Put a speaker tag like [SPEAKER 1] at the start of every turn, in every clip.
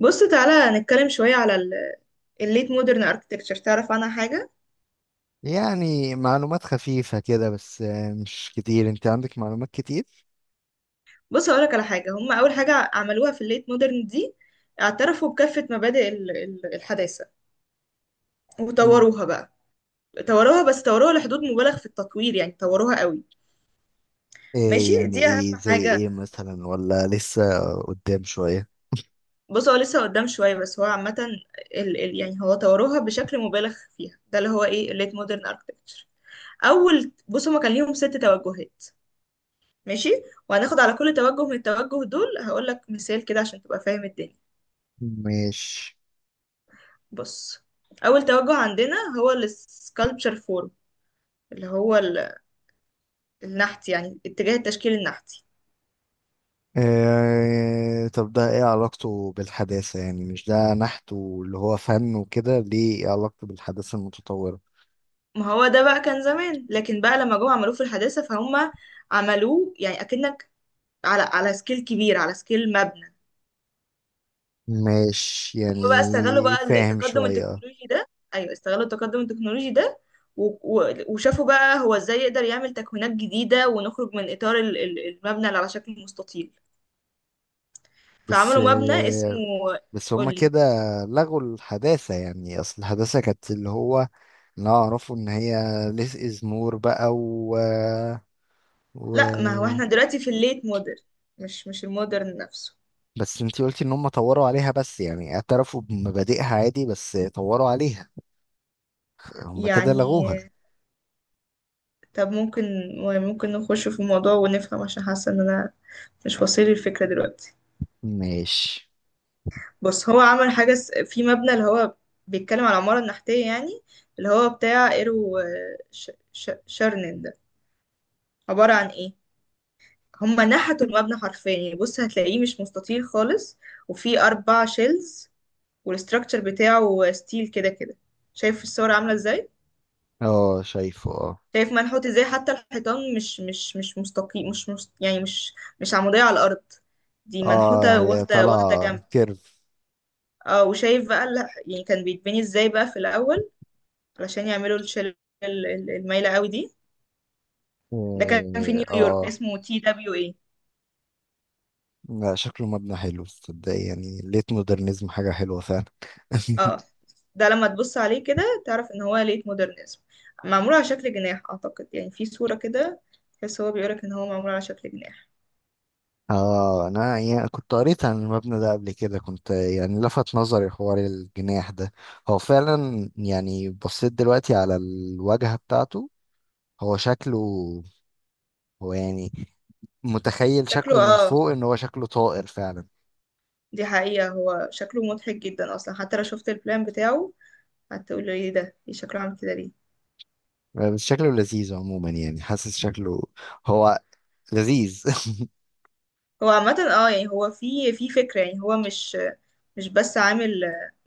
[SPEAKER 1] بص تعالى نتكلم شوية على الليت مودرن اركتكتشر، تعرف عنها حاجة؟
[SPEAKER 2] يعني معلومات خفيفة كده بس آه، مش كتير. انت عندك معلومات كتير.
[SPEAKER 1] بص هقولك على حاجة. هم أول حاجة عملوها في الليت مودرن دي، اعترفوا بكافة مبادئ الحداثة
[SPEAKER 2] مم.
[SPEAKER 1] وطوروها بقى. طوروها، بس طوروها لحدود مبالغ في التطوير، يعني طوروها قوي. ماشي،
[SPEAKER 2] ايه يعني
[SPEAKER 1] دي أهم
[SPEAKER 2] ايه؟ زي
[SPEAKER 1] حاجة.
[SPEAKER 2] ايه مثلا ولا لسه قدام شوية؟
[SPEAKER 1] بص، هو لسه قدام شوية، بس هو عامة ال ال يعني هو طوروها بشكل مبالغ فيها، ده اللي هو ايه الليت مودرن اركتكتشر. أول بص، هما كان ليهم ست توجهات. ماشي. وهناخد على كل توجه من التوجه دول هقول لك مثال كده عشان تبقى فاهم الدنيا.
[SPEAKER 2] ماشي.
[SPEAKER 1] بص، اول توجه عندنا هو السكالبتشر فورم، اللي هو النحت، يعني اتجاه التشكيل النحتي.
[SPEAKER 2] إيه؟ طب ده ايه علاقته بالحداثة؟ يعني مش ده نحت واللي هو فن وكده؟ ليه ايه علاقته بالحداثة المتطورة؟
[SPEAKER 1] ما هو ده بقى كان زمان، لكن بقى لما جم عملوه في الحداثة فهم عملوه يعني اكنك على سكيل كبير، على سكيل مبنى.
[SPEAKER 2] ماشي
[SPEAKER 1] هم بقى استغلوا
[SPEAKER 2] يعني
[SPEAKER 1] بقى
[SPEAKER 2] فاهم
[SPEAKER 1] التقدم
[SPEAKER 2] شوية.
[SPEAKER 1] التكنولوجي ده. ايوه، استغلوا التقدم التكنولوجي ده، وشافوا بقى هو ازاي يقدر يعمل تكوينات جديدة ونخرج من اطار المبنى اللي على شكل مستطيل.
[SPEAKER 2] بس
[SPEAKER 1] فعملوا مبنى اسمه.
[SPEAKER 2] آه، بس هما
[SPEAKER 1] قولي.
[SPEAKER 2] كده لغوا الحداثة؟ يعني أصل الحداثة كانت اللي هو، لا اعرفه ان هي less is more بقى
[SPEAKER 1] لا،
[SPEAKER 2] و...
[SPEAKER 1] ما هو احنا دلوقتي في الليت مودرن، مش المودرن نفسه.
[SPEAKER 2] بس انتي قلتي ان هم طوروا عليها، بس يعني اعترفوا بمبادئها عادي بس طوروا عليها؟ هم كده
[SPEAKER 1] يعني،
[SPEAKER 2] لغوها.
[SPEAKER 1] طب ممكن نخش في الموضوع ونفهم، عشان حاسة ان انا مش واصل لي الفكرة دلوقتي.
[SPEAKER 2] ماشي.
[SPEAKER 1] بس هو عمل حاجة في مبنى اللي هو بيتكلم على العمارة النحتية يعني، اللي هو بتاع ايرو، شارنن ده، عبارة عن ايه؟ هما نحتوا المبنى حرفيا، يعني بص هتلاقيه مش مستطيل خالص، وفيه أربع شيلز، والاستراكشر بتاعه ستيل كده كده. شايف الصور عاملة ازاي؟
[SPEAKER 2] اه شايفه اه.
[SPEAKER 1] شايف منحوت ازاي؟ حتى الحيطان مش مستقيم، مش, مش يعني مش مش عمودية على الأرض. دي
[SPEAKER 2] اه
[SPEAKER 1] منحوتة
[SPEAKER 2] هي
[SPEAKER 1] واخدة واخدة
[SPEAKER 2] طالعة
[SPEAKER 1] جنب.
[SPEAKER 2] كيرف.
[SPEAKER 1] اه، وشايف بقى يعني كان بيتبني ازاي بقى في الأول علشان يعملوا الشلة المايلة قوي دي. ده كان في
[SPEAKER 2] اه
[SPEAKER 1] نيويورك،
[SPEAKER 2] آه.
[SPEAKER 1] اسمه TWA.
[SPEAKER 2] لا شكله مبنى حلو تصدقي، يعني ليت مودرنزم حاجة حلوة فعلا.
[SPEAKER 1] اه، ده لما تبص عليه كده تعرف ان هو ليت مودرنزم. معمول على شكل جناح اعتقد، يعني في صورة كده تحس هو بيقولك ان هو معمول على شكل جناح.
[SPEAKER 2] اه، انا يعني كنت قريت عن المبنى ده قبل كده، كنت يعني لفت نظري حوار الجناح ده. هو فعلا يعني بصيت دلوقتي على الواجهة بتاعته. هو شكله، هو يعني متخيل
[SPEAKER 1] شكله
[SPEAKER 2] شكله من
[SPEAKER 1] اه.
[SPEAKER 2] فوق ان هو شكله طائر فعلا.
[SPEAKER 1] دي حقيقة هو شكله مضحك جدا اصلا. حتى لو شفت البلان بتاعه، هتقول ايه ده، ايه شكله عامل كده ليه؟
[SPEAKER 2] بس شكله لذيذ عموما، يعني حاسس شكله هو لذيذ.
[SPEAKER 1] هو عامة اه، يعني هو في فكرة، يعني هو مش بس عامل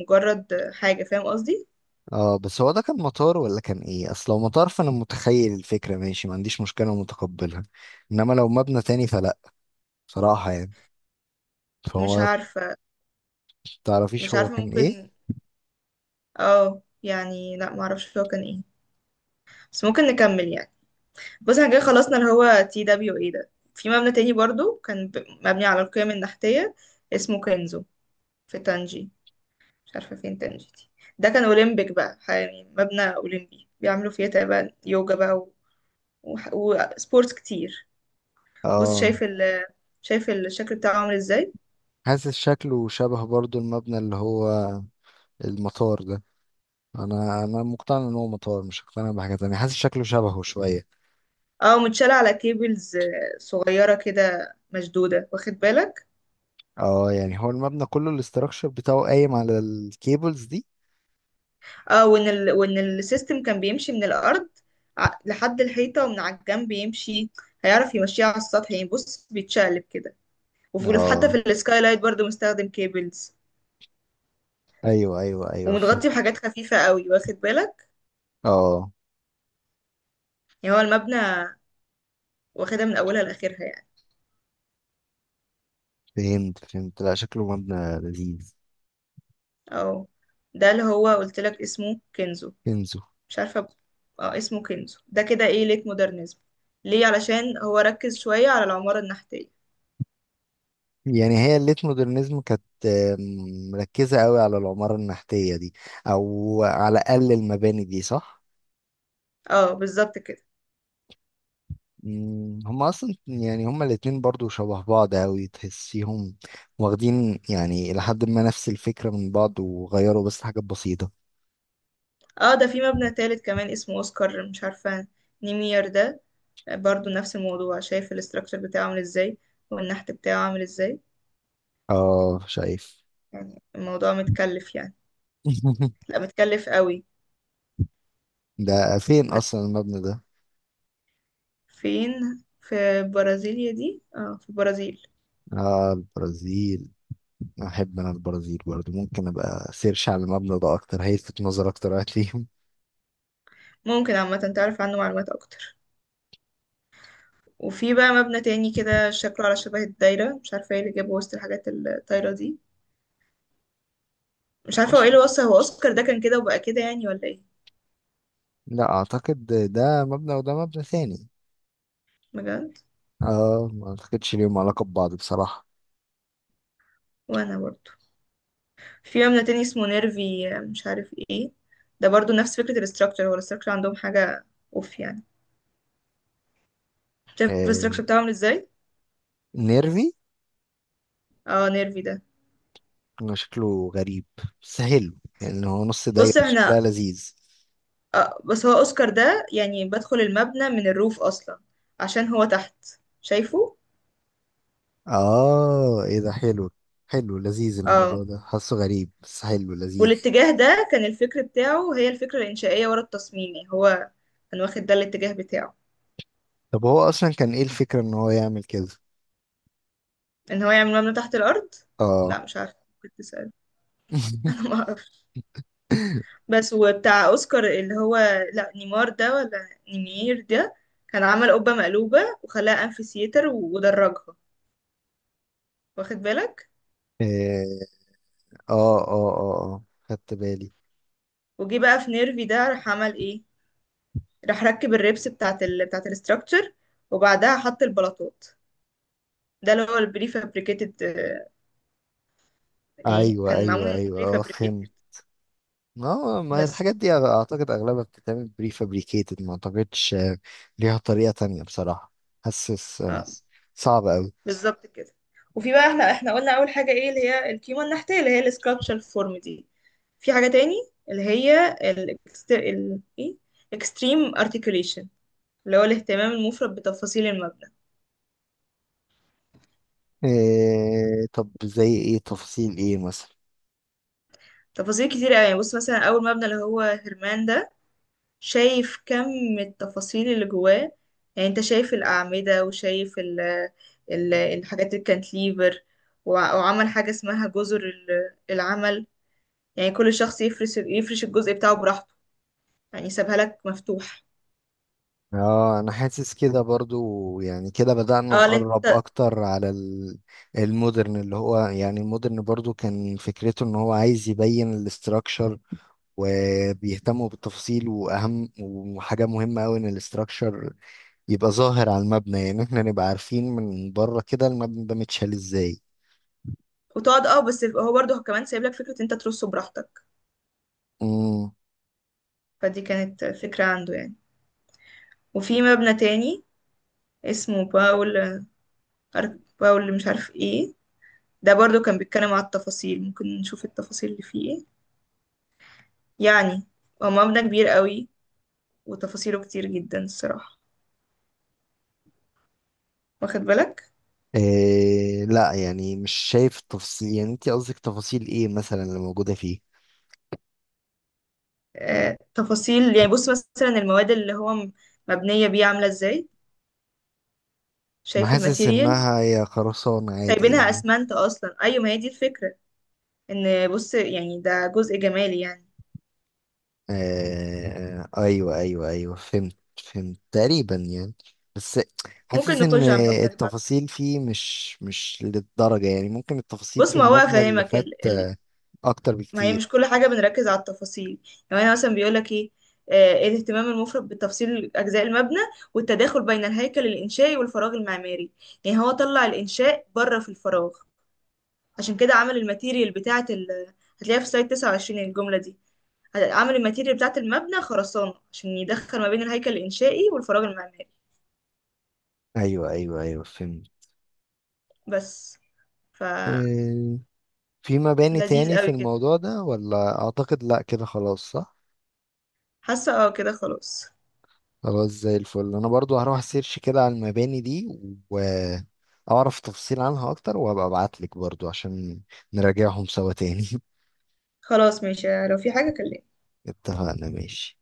[SPEAKER 1] مجرد حاجة، فاهم قصدي؟
[SPEAKER 2] اه بس هو ده كان مطار ولا كان ايه؟ اصل لو مطار فانا متخيل الفكرة، ماشي ما عنديش مشكلة ومتقبلها، انما لو مبنى تاني فلا، بصراحة يعني.
[SPEAKER 1] مش
[SPEAKER 2] فهو،
[SPEAKER 1] عارفة
[SPEAKER 2] تعرفيش
[SPEAKER 1] مش
[SPEAKER 2] هو
[SPEAKER 1] عارفة
[SPEAKER 2] كان ايه؟
[SPEAKER 1] ممكن. اه، يعني لا معرفش هو كان ايه، بس ممكن نكمل يعني. بص، احنا كده خلصنا اللي هو TWA ده. في مبنى تاني برضو كان مبني على القيم النحتية، اسمه كنزو، في تانجي. مش عارفة فين تانجي دي. ده كان أولمبيك بقى، يعني مبنى أولمبي بيعملوا فيه تقريبا يوجا بقى وسبورتس كتير. بص
[SPEAKER 2] اه
[SPEAKER 1] شايف شايف الشكل بتاعه عامل ازاي؟
[SPEAKER 2] حاسس شكله شبه برضو المبنى اللي هو المطار ده. انا انا مقتنع ان هو مطار، مش مقتنع بحاجه تانية، حاسس شكله شبهه شويه.
[SPEAKER 1] اه، متشال على كيبلز، صغيرة كده مشدودة، واخد بالك؟
[SPEAKER 2] اه يعني هو المبنى كله الاستراكشر بتاعه قايم على الكيبلز دي.
[SPEAKER 1] اه، وان السيستم كان بيمشي من الارض، لحد الحيطه، ومن على الجنب يمشي، هيعرف يمشيها على السطح، يعني بص بيتشقلب كده. وفي حتى في
[SPEAKER 2] اه
[SPEAKER 1] السكاي لايت برضو مستخدم كيبلز.
[SPEAKER 2] ايوه ايوه ايوه فهمت.
[SPEAKER 1] ومتغطي بحاجات خفيفه قوي، واخد بالك؟
[SPEAKER 2] اه
[SPEAKER 1] يعني هو المبنى واخدها من اولها لاخرها يعني.
[SPEAKER 2] فهمت فهمت، لا شكله مبنى لذيذ.
[SPEAKER 1] اه، ده اللي هو قلت لك اسمه كنزو.
[SPEAKER 2] كنزو.
[SPEAKER 1] مش عارفه اسمه كنزو. ده كده ايه؟ ليك مودرنزم، ليه؟ علشان هو ركز شويه على العماره النحتيه.
[SPEAKER 2] يعني هي الليت مودرنزم كانت مركزه قوي على العماره النحتيه دي، او على الاقل المباني دي، صح؟
[SPEAKER 1] اه، بالظبط كده.
[SPEAKER 2] مم، هما اصلا يعني هما الاتنين برضو شبه بعض اوي تحسيهم واخدين يعني لحد ما نفس الفكرة من بعض وغيروا بس حاجات بسيطة.
[SPEAKER 1] اه، ده في مبنى تالت كمان اسمه اوسكار، مش عارفة، نيمير ده. برضو نفس الموضوع، شايف الاستراكشر بتاعه عامل ازاي والنحت بتاعه عامل ازاي؟
[SPEAKER 2] اه شايف.
[SPEAKER 1] يعني الموضوع متكلف يعني. لا، متكلف قوي.
[SPEAKER 2] ده فين
[SPEAKER 1] بس
[SPEAKER 2] اصلا المبنى ده؟
[SPEAKER 1] فين؟ في برازيليا دي، اه في البرازيل.
[SPEAKER 2] اه البرازيل. احب انا البرازيل برضو، ممكن ابقى سيرش على المبنى ده اكتر، هيلفت نظر اكتر هتلاقيهم.
[SPEAKER 1] ممكن عامة تعرف عنه معلومات اكتر. وفي بقى مبنى تاني كده شكله على شبه الدايرة، مش عارفة ايه اللي جابه وسط الحاجات الطايرة دي. مش عارفة هو
[SPEAKER 2] مش-
[SPEAKER 1] ايه اللي وصل، هو اوسكار ده كان كده وبقى كده يعني ولا ايه؟
[SPEAKER 2] لا اعتقد ده مبنى وده مبنى ثاني.
[SPEAKER 1] بجد،
[SPEAKER 2] اه ما اعتقدش ليهم علاقة ببعض بصراحة.
[SPEAKER 1] وانا برضه. في مبنى تاني اسمه نيرفي مش عارف ايه. ده برضو نفس فكرة الاستراكشر. هو الاستراكشر عندهم حاجة اوف يعني. شايف
[SPEAKER 2] آه
[SPEAKER 1] الاستراكشر بتاعه عامل ازاي؟
[SPEAKER 2] نيرفي.
[SPEAKER 1] اه، نيرفي ده.
[SPEAKER 2] هو شكله غريب بس حلو، يعني هو نص دايرة
[SPEAKER 1] بص احنا.
[SPEAKER 2] شكلها لذيذ.
[SPEAKER 1] بس هو اوسكار ده يعني بدخل المبنى من الروف اصلا، عشان هو تحت. شايفه؟
[SPEAKER 2] اه ايه ده حلو، حلو لذيذ الموضوع
[SPEAKER 1] اه،
[SPEAKER 2] ده، حاسه غريب بس حلو لذيذ.
[SPEAKER 1] والاتجاه ده كان الفكر بتاعه هي الفكرة الانشائية ورا التصميم، يعني هو كان واخد ده الاتجاه بتاعه،
[SPEAKER 2] طب هو اصلا كان ايه الفكرة ان هو يعمل كده؟
[SPEAKER 1] ان هو يعمل مبنى تحت الارض.
[SPEAKER 2] اه.
[SPEAKER 1] لا مش عارفة، كنت تسأل. انا. بس وبتاع اوسكار اللي هو، لا نيمار ده ولا نيمير ده، كان عمل قبة مقلوبة وخلاها امفيسيتر ودرجها، واخد بالك؟
[SPEAKER 2] إيه، اه اه اه اه خدت بالي.
[SPEAKER 1] وجي بقى في نيرفي ده، راح عمل ايه؟ راح ركب الريبس بتاعت الاستراكشر، وبعدها حط البلاطات. ده اللي هو البري فابريكيتد، يعني
[SPEAKER 2] ايوه
[SPEAKER 1] كان
[SPEAKER 2] ايوه
[SPEAKER 1] معمول من
[SPEAKER 2] ايوه
[SPEAKER 1] بري
[SPEAKER 2] اه فهمت.
[SPEAKER 1] فابريكيتد.
[SPEAKER 2] ما
[SPEAKER 1] بس.
[SPEAKER 2] الحاجات دي اعتقد اغلبها بتتعمل بري فابريكيتد، ما اعتقدش آه، ليها طريقة تانية بصراحة، حاسس آه،
[SPEAKER 1] آه.
[SPEAKER 2] صعب أوي.
[SPEAKER 1] بالظبط كده. وفي بقى، احنا قلنا اول حاجه ايه؟ اللي هي الكيمو النحتيه، اللي هي السكالبتشر فورم دي. في حاجه تاني اللي هي ال ال ايه اكستريم ارتكيوليشن، اللي هو الاهتمام المفرط بتفاصيل المبنى.
[SPEAKER 2] إيه؟ طب زي ايه؟ تفصيل ايه مثلا؟
[SPEAKER 1] تفاصيل كتير قوي. بص مثلا اول مبنى اللي هو هرمان ده، شايف كم التفاصيل اللي جواه؟ يعني انت شايف الاعمده، وشايف ال الحاجات الكانتليفر. وعمل حاجه اسمها جزر العمل، يعني كل شخص يفرش الجزء بتاعه براحته، يعني سابها لك مفتوح.
[SPEAKER 2] اه انا حاسس كده برضو، يعني كده بدأنا
[SPEAKER 1] اه اللي
[SPEAKER 2] نقرب
[SPEAKER 1] انت
[SPEAKER 2] اكتر على المودرن، اللي هو يعني المودرن برضو كان فكرته ان هو عايز يبين الاستراكشر وبيهتموا بالتفاصيل، واهم وحاجة مهمة قوي ان الاستراكشر يبقى ظاهر على المبنى، يعني احنا نبقى عارفين من بره كده المبنى ده متشال ازاي.
[SPEAKER 1] وتقعد اه، بس هو برضه كمان سايب لك فكرة انت ترصه براحتك.
[SPEAKER 2] امم.
[SPEAKER 1] فدي كانت فكرة عنده يعني. وفي مبنى تاني اسمه باول، باول مش عارف ايه. ده برضه كان بيتكلم على التفاصيل. ممكن نشوف التفاصيل اللي فيه ايه يعني. هو مبنى كبير قوي، وتفاصيله كتير جدا الصراحة، واخد بالك؟
[SPEAKER 2] إيه؟ لا يعني مش شايف التفاصيل، يعني انت قصدك تفاصيل ايه مثلا اللي موجودة فيه؟
[SPEAKER 1] تفاصيل يعني، بص مثلا المواد اللي هو مبنية بيه عاملة ازاي؟
[SPEAKER 2] انا
[SPEAKER 1] شايف
[SPEAKER 2] حاسس
[SPEAKER 1] الماتيريال؟
[SPEAKER 2] انها هي خرسانة عادي
[SPEAKER 1] سايبينها
[SPEAKER 2] يعني.
[SPEAKER 1] اسمنت اصلا، ايوه، ما هي دي الفكرة، ان بص يعني ده جزء جمالي يعني.
[SPEAKER 2] آه ايوه ايوه ايوه فهمت. فهمت تقريبا يعني. بس
[SPEAKER 1] ممكن
[SPEAKER 2] حاسس ان
[SPEAKER 1] نخش على المبنى اللي بعده.
[SPEAKER 2] التفاصيل فيه مش للدرجة، يعني ممكن التفاصيل
[SPEAKER 1] بص
[SPEAKER 2] في
[SPEAKER 1] ما هو
[SPEAKER 2] المبنى اللي
[SPEAKER 1] افهمك
[SPEAKER 2] فات آه، اكتر
[SPEAKER 1] ما هي
[SPEAKER 2] بكتير.
[SPEAKER 1] مش كل حاجه بنركز على التفاصيل. يعني انا مثلا بيقول لك ايه؟ إيه الاهتمام المفرط بتفصيل اجزاء المبنى، والتداخل بين الهيكل الانشائي والفراغ المعماري. يعني هو طلع الانشاء بره في الفراغ، عشان كده عمل الماتيريال بتاعه هتلاقيها في سلايد 29، الجمله دي. عمل الماتيريال بتاعه المبنى خرسانه عشان يدخل ما بين الهيكل الانشائي والفراغ المعماري.
[SPEAKER 2] ايوه ايوه ايوه فهمت.
[SPEAKER 1] بس. ف
[SPEAKER 2] آه، في مباني
[SPEAKER 1] لذيذ
[SPEAKER 2] تاني في
[SPEAKER 1] قوي كده.
[SPEAKER 2] الموضوع ده ولا اعتقد لا كده خلاص؟
[SPEAKER 1] حاسة اه كده خلاص.
[SPEAKER 2] خلاص زي الفل، انا برضو هروح سيرش كده على المباني دي واعرف تفاصيل عنها اكتر، وهبقى ابعتلك برضو عشان نراجعهم سوا تاني.
[SPEAKER 1] خلاص ماشي، لو في حاجة كلمني.
[SPEAKER 2] اتفقنا ماشي.